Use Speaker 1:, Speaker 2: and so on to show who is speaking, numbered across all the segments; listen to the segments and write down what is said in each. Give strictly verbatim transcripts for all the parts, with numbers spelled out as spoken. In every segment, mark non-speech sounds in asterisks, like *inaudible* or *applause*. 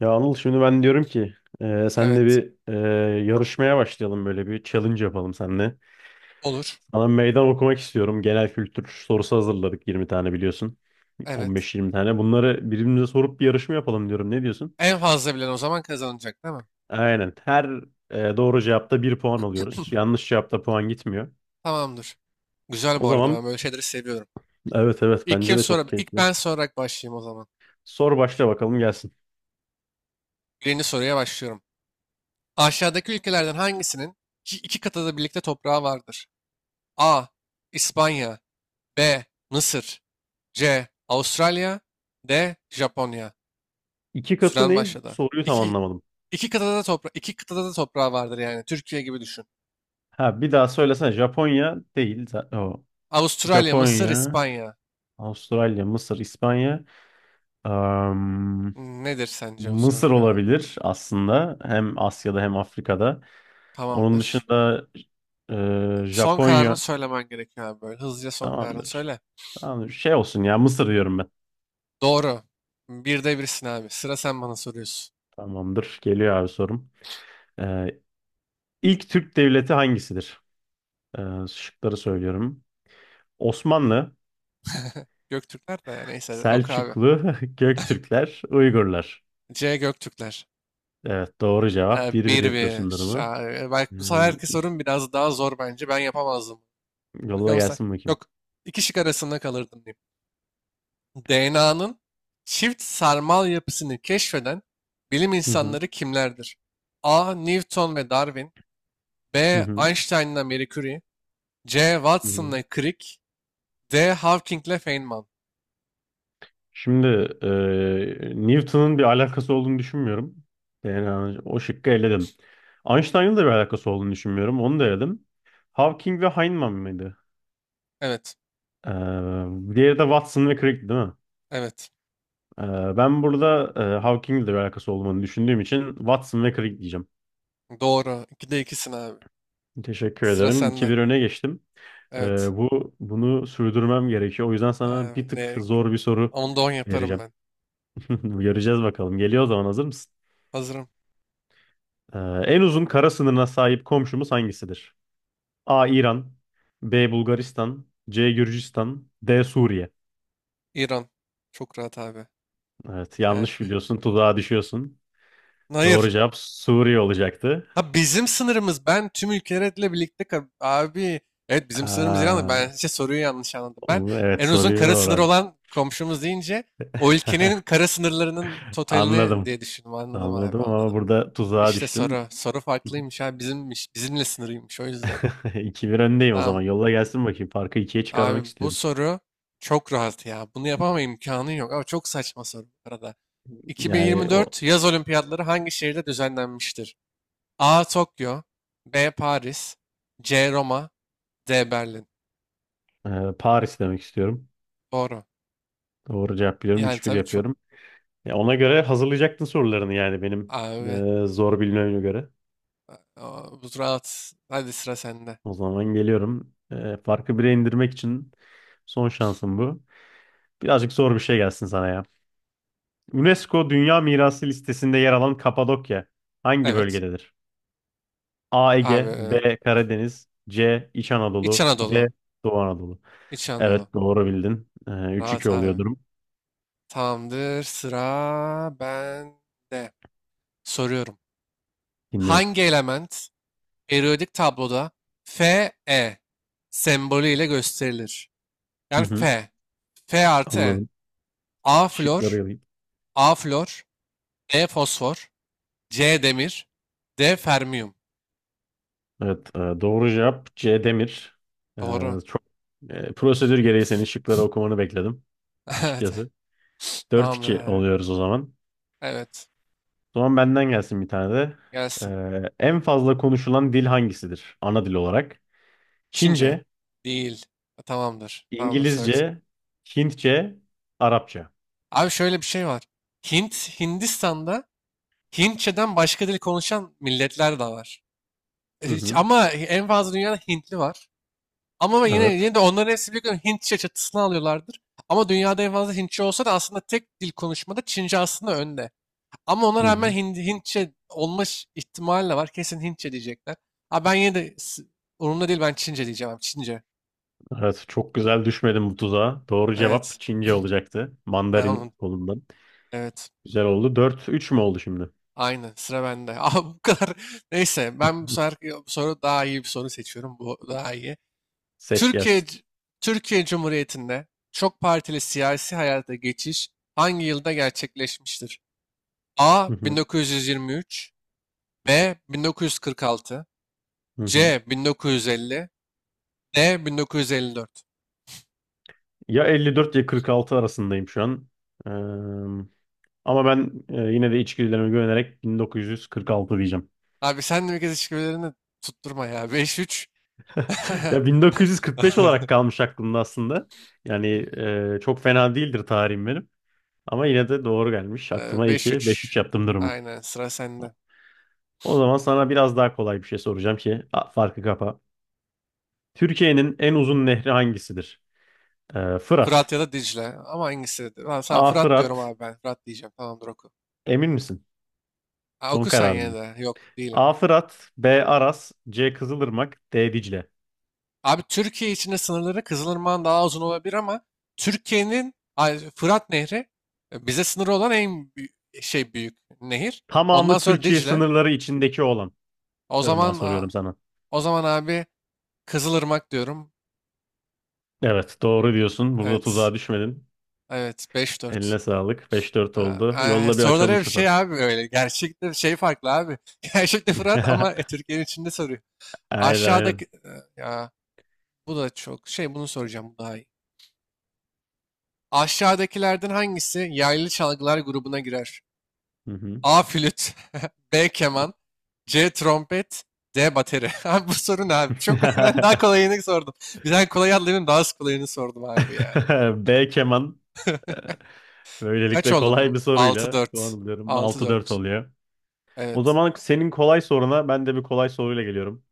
Speaker 1: Ya Anıl şimdi ben diyorum ki e, senle
Speaker 2: Evet.
Speaker 1: bir e, yarışmaya başlayalım, böyle bir challenge yapalım seninle.
Speaker 2: Olur.
Speaker 1: Sana meydan okumak istiyorum. Genel kültür sorusu hazırladık, yirmi tane biliyorsun.
Speaker 2: Evet.
Speaker 1: on beş yirmi tane. Bunları birbirimize sorup bir yarışma yapalım diyorum. Ne diyorsun?
Speaker 2: En fazla bilen o zaman kazanacak değil mi?
Speaker 1: Aynen. Her e, doğru cevapta bir puan alıyoruz.
Speaker 2: *laughs*
Speaker 1: Yanlış cevapta puan gitmiyor.
Speaker 2: *clears throat* Tamamdır. Güzel
Speaker 1: O
Speaker 2: bu arada
Speaker 1: zaman
Speaker 2: ben böyle şeyleri seviyorum.
Speaker 1: evet evet,
Speaker 2: İlk
Speaker 1: bence
Speaker 2: kim
Speaker 1: de
Speaker 2: sonra
Speaker 1: çok
Speaker 2: ilk
Speaker 1: keyifli.
Speaker 2: ben sorarak başlayayım o zaman.
Speaker 1: Sor başla bakalım gelsin.
Speaker 2: Birinci soruya başlıyorum. Aşağıdaki ülkelerden hangisinin iki, iki kıtada da birlikte toprağı vardır? A. İspanya. B. Mısır. C. Avustralya. D. Japonya.
Speaker 1: İki katı
Speaker 2: Süren
Speaker 1: ne?
Speaker 2: başladı.
Speaker 1: Soruyu tam
Speaker 2: İki,
Speaker 1: anlamadım.
Speaker 2: iki kıtada da topra iki kıtada da toprağı vardır yani. Türkiye gibi düşün.
Speaker 1: Ha bir daha söylesene. Japonya değil. za- O.
Speaker 2: Avustralya, Mısır,
Speaker 1: Japonya.
Speaker 2: İspanya.
Speaker 1: Avustralya, Mısır, İspanya. Am,
Speaker 2: Nedir sence bu sorunun
Speaker 1: Mısır
Speaker 2: cevabı?
Speaker 1: olabilir aslında. Hem Asya'da hem Afrika'da. Onun
Speaker 2: Tamamdır.
Speaker 1: dışında e,
Speaker 2: Son kararını
Speaker 1: Japonya.
Speaker 2: söylemen gerekiyor abi böyle. Hızlıca son kararını
Speaker 1: Tamamdır.
Speaker 2: söyle.
Speaker 1: Tamamdır. Şey olsun ya, Mısır diyorum ben.
Speaker 2: Doğru. Bir de birsin abi. Sıra sen bana soruyorsun.
Speaker 1: Tamamdır. Geliyor abi sorum. E, ilk Türk devleti hangisidir? E, şıkları söylüyorum. Osmanlı,
Speaker 2: Göktürkler de neyse ok abi.
Speaker 1: Selçuklu, *laughs* Göktürkler, Uygurlar.
Speaker 2: C Göktürkler.
Speaker 1: Evet, doğru cevap.
Speaker 2: Ee,
Speaker 1: Bir bir
Speaker 2: bir
Speaker 1: yapıyorsun
Speaker 2: bir.
Speaker 1: durumu.
Speaker 2: Ya,
Speaker 1: E,
Speaker 2: belki bu sefer herkes sorun biraz daha zor bence. Ben yapamazdım.
Speaker 1: yolla
Speaker 2: Bakalım sen.
Speaker 1: gelsin bakayım.
Speaker 2: Yok. İki şık arasında kalırdım diyeyim. D N A'nın çift sarmal yapısını keşfeden bilim
Speaker 1: Hı hı.
Speaker 2: insanları kimlerdir? A. Newton ve Darwin.
Speaker 1: Hı
Speaker 2: B.
Speaker 1: hı.
Speaker 2: Einstein'la Marie Curie. C.
Speaker 1: Hı hı.
Speaker 2: Watson'la Crick. D. Hawking'le Feynman.
Speaker 1: Şimdi eee, Newton'un bir alakası olduğunu düşünmüyorum. Yani o şıkkı eledim. Einstein'ın da bir alakası olduğunu düşünmüyorum. Onu da eledim. Hawking ve Feynman mıydı?
Speaker 2: Evet.
Speaker 1: Eee diğeri de Watson ve Crick değil mi?
Speaker 2: Evet.
Speaker 1: Eee, ben burada eee, Hawking'le de bir alakası olduğunu düşündüğüm için Watson ve Crick diyeceğim.
Speaker 2: Doğru. İkide ikisin abi.
Speaker 1: Teşekkür
Speaker 2: Sıra
Speaker 1: ederim. iki
Speaker 2: sende.
Speaker 1: bir öne geçtim. Eee,
Speaker 2: Evet.
Speaker 1: bu bunu sürdürmem gerekiyor. O yüzden sana
Speaker 2: Abi,
Speaker 1: bir tık
Speaker 2: ne?
Speaker 1: zor bir soru
Speaker 2: Onda on yaparım
Speaker 1: vereceğim.
Speaker 2: ben.
Speaker 1: *laughs* Göreceğiz bakalım. Geliyor o zaman, hazır mısın?
Speaker 2: Hazırım.
Speaker 1: Ee, en uzun kara sınırına sahip komşumuz hangisidir? A. İran, B. Bulgaristan, C. Gürcistan, D. Suriye.
Speaker 2: İran. Çok rahat abi.
Speaker 1: Evet
Speaker 2: Yani.
Speaker 1: yanlış biliyorsun, tuzağa düşüyorsun. Doğru
Speaker 2: *laughs* Hayır.
Speaker 1: cevap Suriye olacaktı.
Speaker 2: Ha bizim sınırımız. Ben tüm ülkelerle birlikte ka- abi. Evet bizim sınırımız İran'da.
Speaker 1: Aa,
Speaker 2: Ben işte soruyu yanlış anladım. Ben
Speaker 1: o- evet
Speaker 2: en uzun
Speaker 1: soruyu
Speaker 2: kara sınır
Speaker 1: doğru.
Speaker 2: olan komşumuz deyince o ülkenin
Speaker 1: *laughs*
Speaker 2: kara sınırlarının totalini
Speaker 1: Anladım.
Speaker 2: diye düşündüm. Anladım abi
Speaker 1: Anladım ama
Speaker 2: anladım.
Speaker 1: burada tuzağa
Speaker 2: İşte soru.
Speaker 1: düştün.
Speaker 2: Soru
Speaker 1: *laughs*
Speaker 2: farklıymış abi. Bizimmiş. Bizimle sınırıymış o yüzden.
Speaker 1: iki bir öndeyim o zaman.
Speaker 2: Tamam.
Speaker 1: Yolla gelsin bakayım. Farkı ikiye
Speaker 2: Abi
Speaker 1: çıkarmak
Speaker 2: bu
Speaker 1: istiyorum.
Speaker 2: soru çok rahat ya. Bunu yapama imkanın yok. Ama çok saçma soru bu arada.
Speaker 1: Yani o
Speaker 2: iki bin yirmi dört yaz olimpiyatları hangi şehirde düzenlenmiştir? A. Tokyo. B. Paris. C. Roma. D. Berlin.
Speaker 1: e, Paris demek istiyorum.
Speaker 2: Doğru.
Speaker 1: Doğru cevap biliyorum.
Speaker 2: Yani
Speaker 1: üç bir
Speaker 2: tabii çok
Speaker 1: yapıyorum. Ya ona göre hazırlayacaktın sorularını, yani benim
Speaker 2: abi,
Speaker 1: e, zor bilmeme göre.
Speaker 2: aa, bu rahat. Hadi sıra sende.
Speaker 1: O zaman geliyorum. E, farkı bire indirmek için son şansım bu. Birazcık zor bir şey gelsin sana ya. UNESCO Dünya Mirası listesinde yer alan Kapadokya hangi
Speaker 2: Evet.
Speaker 1: bölgededir? A. Ege,
Speaker 2: Abi
Speaker 1: B. Karadeniz, C. İç
Speaker 2: İç
Speaker 1: Anadolu, D.
Speaker 2: Anadolu.
Speaker 1: Doğu Anadolu.
Speaker 2: İç Anadolu.
Speaker 1: Evet, doğru bildin. E,
Speaker 2: Rahat
Speaker 1: üç iki
Speaker 2: abi.
Speaker 1: oluyor durum.
Speaker 2: Tamamdır. Sıra bende. Soruyorum.
Speaker 1: Dinliyorum.
Speaker 2: Hangi element periyodik tabloda Fe sembolü ile gösterilir?
Speaker 1: Hı
Speaker 2: Yani
Speaker 1: hı,
Speaker 2: Fe. Fe artı E.
Speaker 1: anladım.
Speaker 2: A flor,
Speaker 1: Şıkları
Speaker 2: A flor, E fosfor, C demir, D fermiyum.
Speaker 1: Evet, e, doğru cevap C. Demir. E,
Speaker 2: Doğru.
Speaker 1: çok e, prosedür gereği senin şıkları okumanı bekledim
Speaker 2: *laughs* Evet.
Speaker 1: açıkçası. Dört
Speaker 2: Tamamdır
Speaker 1: iki
Speaker 2: abi.
Speaker 1: oluyoruz o zaman.
Speaker 2: Evet.
Speaker 1: O zaman benden gelsin bir tane de. E,
Speaker 2: Gelsin.
Speaker 1: en fazla konuşulan dil hangisidir, ana dil olarak?
Speaker 2: Çince.
Speaker 1: Çince,
Speaker 2: Değil. Tamamdır. Tamamdır söyleyeceğim.
Speaker 1: İngilizce, Hintçe, Arapça.
Speaker 2: Abi şöyle bir şey var. Hint, Hindistan'da Hintçeden başka dil konuşan milletler de var.
Speaker 1: Hı
Speaker 2: Hiç-
Speaker 1: hı,
Speaker 2: Ama en fazla dünyada Hintli var. Ama ben yine,
Speaker 1: evet.
Speaker 2: yine de onların hepsi biliyorum Hintçe çatısını alıyorlardır. Ama dünyada en fazla Hintçe olsa da aslında tek dil konuşmada Çince aslında önde. Ama ona
Speaker 1: Hı
Speaker 2: rağmen
Speaker 1: hı.
Speaker 2: Hint, Hintçe olma ş- ihtimali de var. Kesin Hintçe diyecekler. Abi ben yine de s- umurumda değil ben Çince diyeceğim abi. Çince.
Speaker 1: Evet, çok güzel, düşmedim bu tuzağa. Doğru cevap
Speaker 2: Evet.
Speaker 1: Çince olacaktı.
Speaker 2: Ben onu,
Speaker 1: Mandarin kolundan.
Speaker 2: evet.
Speaker 1: Güzel oldu. dört üç mü oldu şimdi?
Speaker 2: Aynı. Sıra bende. *laughs* Abi bu kadar. Neyse ben bu sefer
Speaker 1: *laughs*
Speaker 2: bu soru daha iyi bir soru seçiyorum. Bu daha iyi.
Speaker 1: Seç
Speaker 2: Türkiye
Speaker 1: gelsin.
Speaker 2: Türkiye Cumhuriyeti'nde çok partili siyasi hayata geçiş hangi yılda gerçekleşmiştir? A
Speaker 1: Hı hı,
Speaker 2: bin dokuz yüz yirmi üç, B bin dokuz yüz kırk altı,
Speaker 1: hı hı.
Speaker 2: C bin dokuz yüz elli, D bin dokuz yüz elli dört.
Speaker 1: Ya elli dört ya kırk altı arasındayım şu an. Ee, ama ben e, yine de içgüdülerime güvenerek bin dokuz yüz kırk altı diyeceğim.
Speaker 2: Abi sen de bir kez işbirlerini tutturma ya. beş üç.
Speaker 1: *laughs* Ya bin dokuz yüz kırk beş olarak kalmış aklımda aslında. Yani e, çok fena değildir tarihim benim. Ama yine de doğru gelmiş.
Speaker 2: Ee,
Speaker 1: Aklıma iki, beş üç
Speaker 2: beş üç.
Speaker 1: yaptım
Speaker 2: *laughs*
Speaker 1: durumu.
Speaker 2: Aynen sıra sende.
Speaker 1: O zaman sana biraz daha kolay bir şey soracağım ki, a, farkı kapa. Türkiye'nin en uzun nehri hangisidir? Ee, Fırat.
Speaker 2: Fırat ya da Dicle. Ama hangisi? Ha, sen
Speaker 1: A.
Speaker 2: Fırat diyorum
Speaker 1: Fırat.
Speaker 2: abi ben. Fırat diyeceğim. Tamamdır oku.
Speaker 1: Emin misin?
Speaker 2: Ha,
Speaker 1: Son
Speaker 2: oku sen
Speaker 1: karar
Speaker 2: yine de. Yok değilim.
Speaker 1: A. Fırat, B. Aras, C. Kızılırmak, D. Dicle.
Speaker 2: Abi Türkiye içinde sınırları Kızılırmak'ın daha uzun olabilir ama Türkiye'nin ay, Fırat Nehri e, bize sınırı olan en büyük, şey büyük nehir. Ondan
Speaker 1: Tamamı
Speaker 2: sonra
Speaker 1: Türkiye
Speaker 2: Dicle.
Speaker 1: sınırları içindeki olan
Speaker 2: O
Speaker 1: ırmağa
Speaker 2: zaman a-
Speaker 1: soruyorum sana.
Speaker 2: o zaman abi Kızılırmak diyorum.
Speaker 1: Evet, doğru diyorsun. Burada
Speaker 2: Evet.
Speaker 1: tuzağa düşmedin.
Speaker 2: Evet beş dört.
Speaker 1: Eline sağlık. beş dört
Speaker 2: Aa,
Speaker 1: oldu.
Speaker 2: ay,
Speaker 1: Yolla, bir
Speaker 2: soruları
Speaker 1: açalım
Speaker 2: bir
Speaker 1: şu
Speaker 2: şey
Speaker 1: farkı.
Speaker 2: abi öyle. Gerçekte şey farklı abi. *laughs* Gerçekte Fırat ama e,
Speaker 1: *laughs*
Speaker 2: Türkiye'nin içinde soruyor.
Speaker 1: Aynen aynen.
Speaker 2: Aşağıdaki e, Ya bu da çok şey bunu soracağım bu daha iyi. Aşağıdakilerden hangisi yaylı çalgılar grubuna girer?
Speaker 1: Hı hı.
Speaker 2: A. Flüt. *laughs* B. Keman. C. Trompet. D. Bateri. *laughs* Abi bu soru ne abi? Çok *laughs* ben daha kolayını sordum. Bir tane kolay atlayayım daha az kolayını sordum abi ya.
Speaker 1: *laughs* B. Keman.
Speaker 2: *laughs* Kaç
Speaker 1: Böylelikle kolay
Speaker 2: oldun?
Speaker 1: bir
Speaker 2: Altı
Speaker 1: soruyla puan
Speaker 2: dört.
Speaker 1: alıyorum.
Speaker 2: Altı
Speaker 1: altı dört
Speaker 2: dört.
Speaker 1: oluyor. O
Speaker 2: Evet.
Speaker 1: zaman senin kolay soruna ben de bir kolay soruyla geliyorum.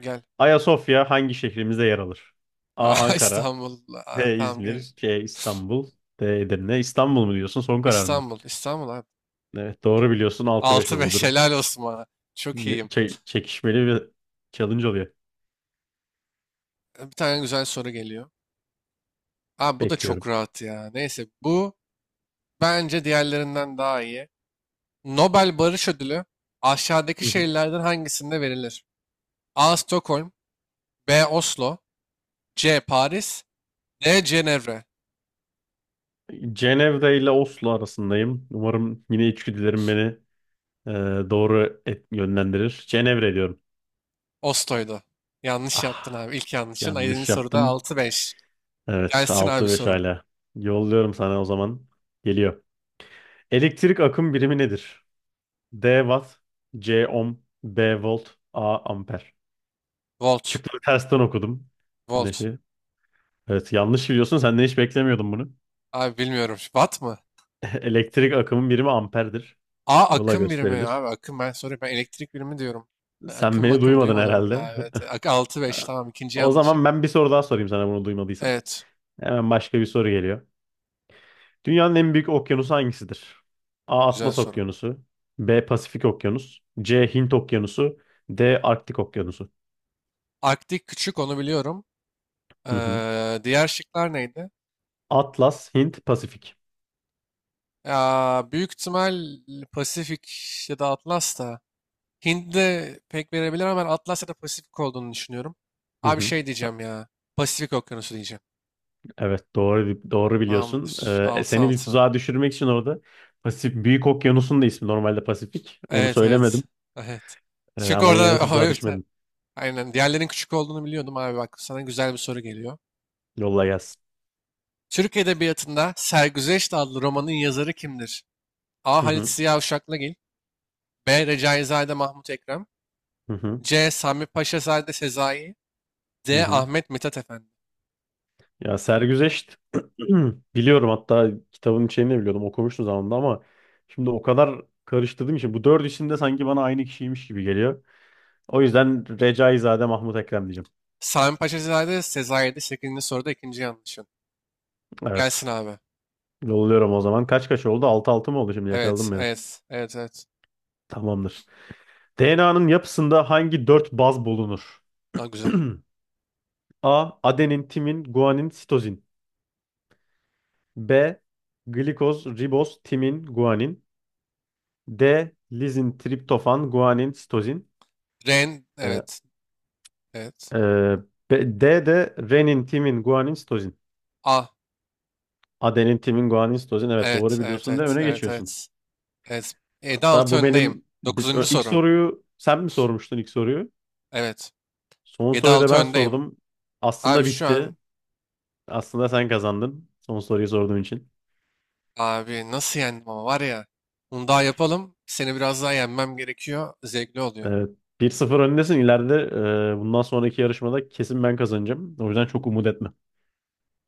Speaker 2: Gel.
Speaker 1: Ayasofya hangi şehrimizde yer alır?
Speaker 2: *laughs*
Speaker 1: A.
Speaker 2: Aa,
Speaker 1: Ankara,
Speaker 2: İstanbul. Aa,
Speaker 1: P
Speaker 2: tamam
Speaker 1: İzmir,
Speaker 2: gel.
Speaker 1: C İstanbul, D Edirne. İstanbul mu diyorsun? Son karar mı?
Speaker 2: İstanbul. İstanbul abi.
Speaker 1: Evet, doğru biliyorsun. Altı beş
Speaker 2: Altı
Speaker 1: oldu
Speaker 2: beş.
Speaker 1: durum.
Speaker 2: Helal olsun bana. Çok iyiyim.
Speaker 1: Çe- çekişmeli ve challenge oluyor.
Speaker 2: Bir tane güzel soru geliyor. Abi bu da
Speaker 1: Bekliyorum.
Speaker 2: çok rahat ya. Neyse bu bence diğerlerinden daha iyi. Nobel Barış Ödülü aşağıdaki
Speaker 1: Hı hı.
Speaker 2: şehirlerden hangisinde verilir? A. Stockholm. B. Oslo. C. Paris. D. Cenevre.
Speaker 1: Cenevre ile Oslo arasındayım. Umarım yine içgüdülerim beni e, doğru et- yönlendirir. Cenevre diyorum.
Speaker 2: Oslo'ydu. Yanlış yaptın
Speaker 1: Ah,
Speaker 2: abi. İlk yanlışın. Ayının
Speaker 1: yanlış
Speaker 2: soruda
Speaker 1: yaptım.
Speaker 2: altı beş.
Speaker 1: Evet,
Speaker 2: Gelsin abi
Speaker 1: altı beş
Speaker 2: sorun.
Speaker 1: hala. Yolluyorum sana o zaman. Geliyor. Elektrik akım birimi nedir? D watt, C ohm, B volt, A amper.
Speaker 2: Volt.
Speaker 1: Şıkları tersten okudum. Ne
Speaker 2: Volt.
Speaker 1: Neşe. Evet, yanlış biliyorsun. Senden hiç beklemiyordum bunu.
Speaker 2: Abi bilmiyorum. Watt mı?
Speaker 1: *laughs* Elektrik akımın birimi amperdir.
Speaker 2: A.
Speaker 1: Ile
Speaker 2: Akım birimi ya
Speaker 1: gösterilir.
Speaker 2: abi. Akım ben soruyorum. Ben elektrik birimi diyorum. Ben
Speaker 1: Sen
Speaker 2: akım
Speaker 1: beni
Speaker 2: makım
Speaker 1: duymadın
Speaker 2: duymadım bile,
Speaker 1: herhalde.
Speaker 2: abi.
Speaker 1: *laughs*
Speaker 2: Evet. Ak- altı beş tamam. ikinci
Speaker 1: O
Speaker 2: yanlışım.
Speaker 1: zaman ben bir soru daha sorayım sana, bunu duymadıysan.
Speaker 2: Evet.
Speaker 1: Hemen başka bir soru geliyor. Dünyanın en büyük okyanusu hangisidir? A.
Speaker 2: Güzel
Speaker 1: Atlas
Speaker 2: soru.
Speaker 1: Okyanusu. B. Pasifik Okyanus. C. Hint Okyanusu. D. Arktik Okyanusu.
Speaker 2: Arktik küçük onu biliyorum.
Speaker 1: Hı hı.
Speaker 2: Ee, diğer şıklar neydi?
Speaker 1: Atlas, Hint, Pasifik.
Speaker 2: Ya büyük ihtimal Pasifik ya da Atlas da Hint de pek verebilir ama ben Atlas ya da Pasifik olduğunu düşünüyorum.
Speaker 1: Hı
Speaker 2: Abi
Speaker 1: hı.
Speaker 2: şey diyeceğim ya. Pasifik Okyanusu diyeceğim.
Speaker 1: Evet, doğru doğru biliyorsun.
Speaker 2: Tamamdır.
Speaker 1: Ee, e, seni bir
Speaker 2: altı altı.
Speaker 1: tuzağa düşürmek için orada Pasif Büyük Okyanus'un da ismi normalde Pasifik. Onu
Speaker 2: Evet evet.
Speaker 1: söylemedim.
Speaker 2: Evet.
Speaker 1: Ee,
Speaker 2: Çünkü
Speaker 1: ama yine de
Speaker 2: orada *laughs*
Speaker 1: tuzağa
Speaker 2: evet,
Speaker 1: düşmedim.
Speaker 2: aynen diğerlerinin küçük olduğunu biliyordum abi, bak sana güzel bir soru geliyor.
Speaker 1: Yolla gelsin.
Speaker 2: Türk Edebiyatı'nda Sergüzeşt adlı romanın yazarı kimdir? A.
Speaker 1: Hı
Speaker 2: Halit
Speaker 1: hı
Speaker 2: Ziya Uşaklıgil. B. Recaizade Mahmut Ekrem.
Speaker 1: hı hı.
Speaker 2: C. Sami Paşazade Sezai.
Speaker 1: Hı
Speaker 2: D.
Speaker 1: hı.
Speaker 2: Ahmet Mithat Efendi.
Speaker 1: Ya sergüzeşt *clears throat* biliyorum, hatta kitabın içeriğini de biliyordum, okumuştum zamanında, ama şimdi o kadar karıştırdım için bu dört isim de sanki bana aynı kişiymiş gibi geliyor. O yüzden Recaizade Mahmut Ekrem diyeceğim.
Speaker 2: Sami Paşazade Sezai'de şeklinde soruda ikinci yanlışın. Gelsin
Speaker 1: Evet.
Speaker 2: abi.
Speaker 1: Yolluyorum o zaman. Kaç kaç oldu? altı altı mı oldu şimdi,
Speaker 2: Evet,
Speaker 1: yakaladım beni.
Speaker 2: evet, evet, evet.
Speaker 1: Tamamdır. D N A'nın yapısında hangi dört baz bulunur?
Speaker 2: Daha güzel.
Speaker 1: *clears throat* A. Adenin, timin, guanin, sitozin. B. Glikoz, riboz, timin, guanin. D. Lizin, triptofan, guanin, sitozin.
Speaker 2: Ren,
Speaker 1: Ee,
Speaker 2: evet, evet.
Speaker 1: e, B- D de renin, timin, guanin, sitozin.
Speaker 2: A,
Speaker 1: Adenin, timin, guanin, sitozin. Evet,
Speaker 2: evet,
Speaker 1: doğru
Speaker 2: evet,
Speaker 1: biliyorsun ve
Speaker 2: evet,
Speaker 1: öne
Speaker 2: evet,
Speaker 1: geçiyorsun.
Speaker 2: evet. Evet.
Speaker 1: Hatta
Speaker 2: yedi altı
Speaker 1: bu
Speaker 2: öndeyim.
Speaker 1: benim biz
Speaker 2: Dokuzuncu
Speaker 1: ö- ilk
Speaker 2: soru.
Speaker 1: soruyu sen mi sormuştun ilk soruyu?
Speaker 2: Evet.
Speaker 1: Son
Speaker 2: Yedi
Speaker 1: soruyu da
Speaker 2: altı
Speaker 1: ben
Speaker 2: öndeyim.
Speaker 1: sordum.
Speaker 2: Abi
Speaker 1: Aslında
Speaker 2: şu
Speaker 1: bitti.
Speaker 2: an,
Speaker 1: Aslında sen kazandın. Son soruyu sorduğun için.
Speaker 2: abi nasıl yendim ama var ya. Bunu daha yapalım. Seni biraz daha yenmem gerekiyor. Zevkli oluyor.
Speaker 1: Evet. bir sıfır öndesin. İleride e, bundan sonraki yarışmada kesin ben kazanacağım. O yüzden çok umut etme.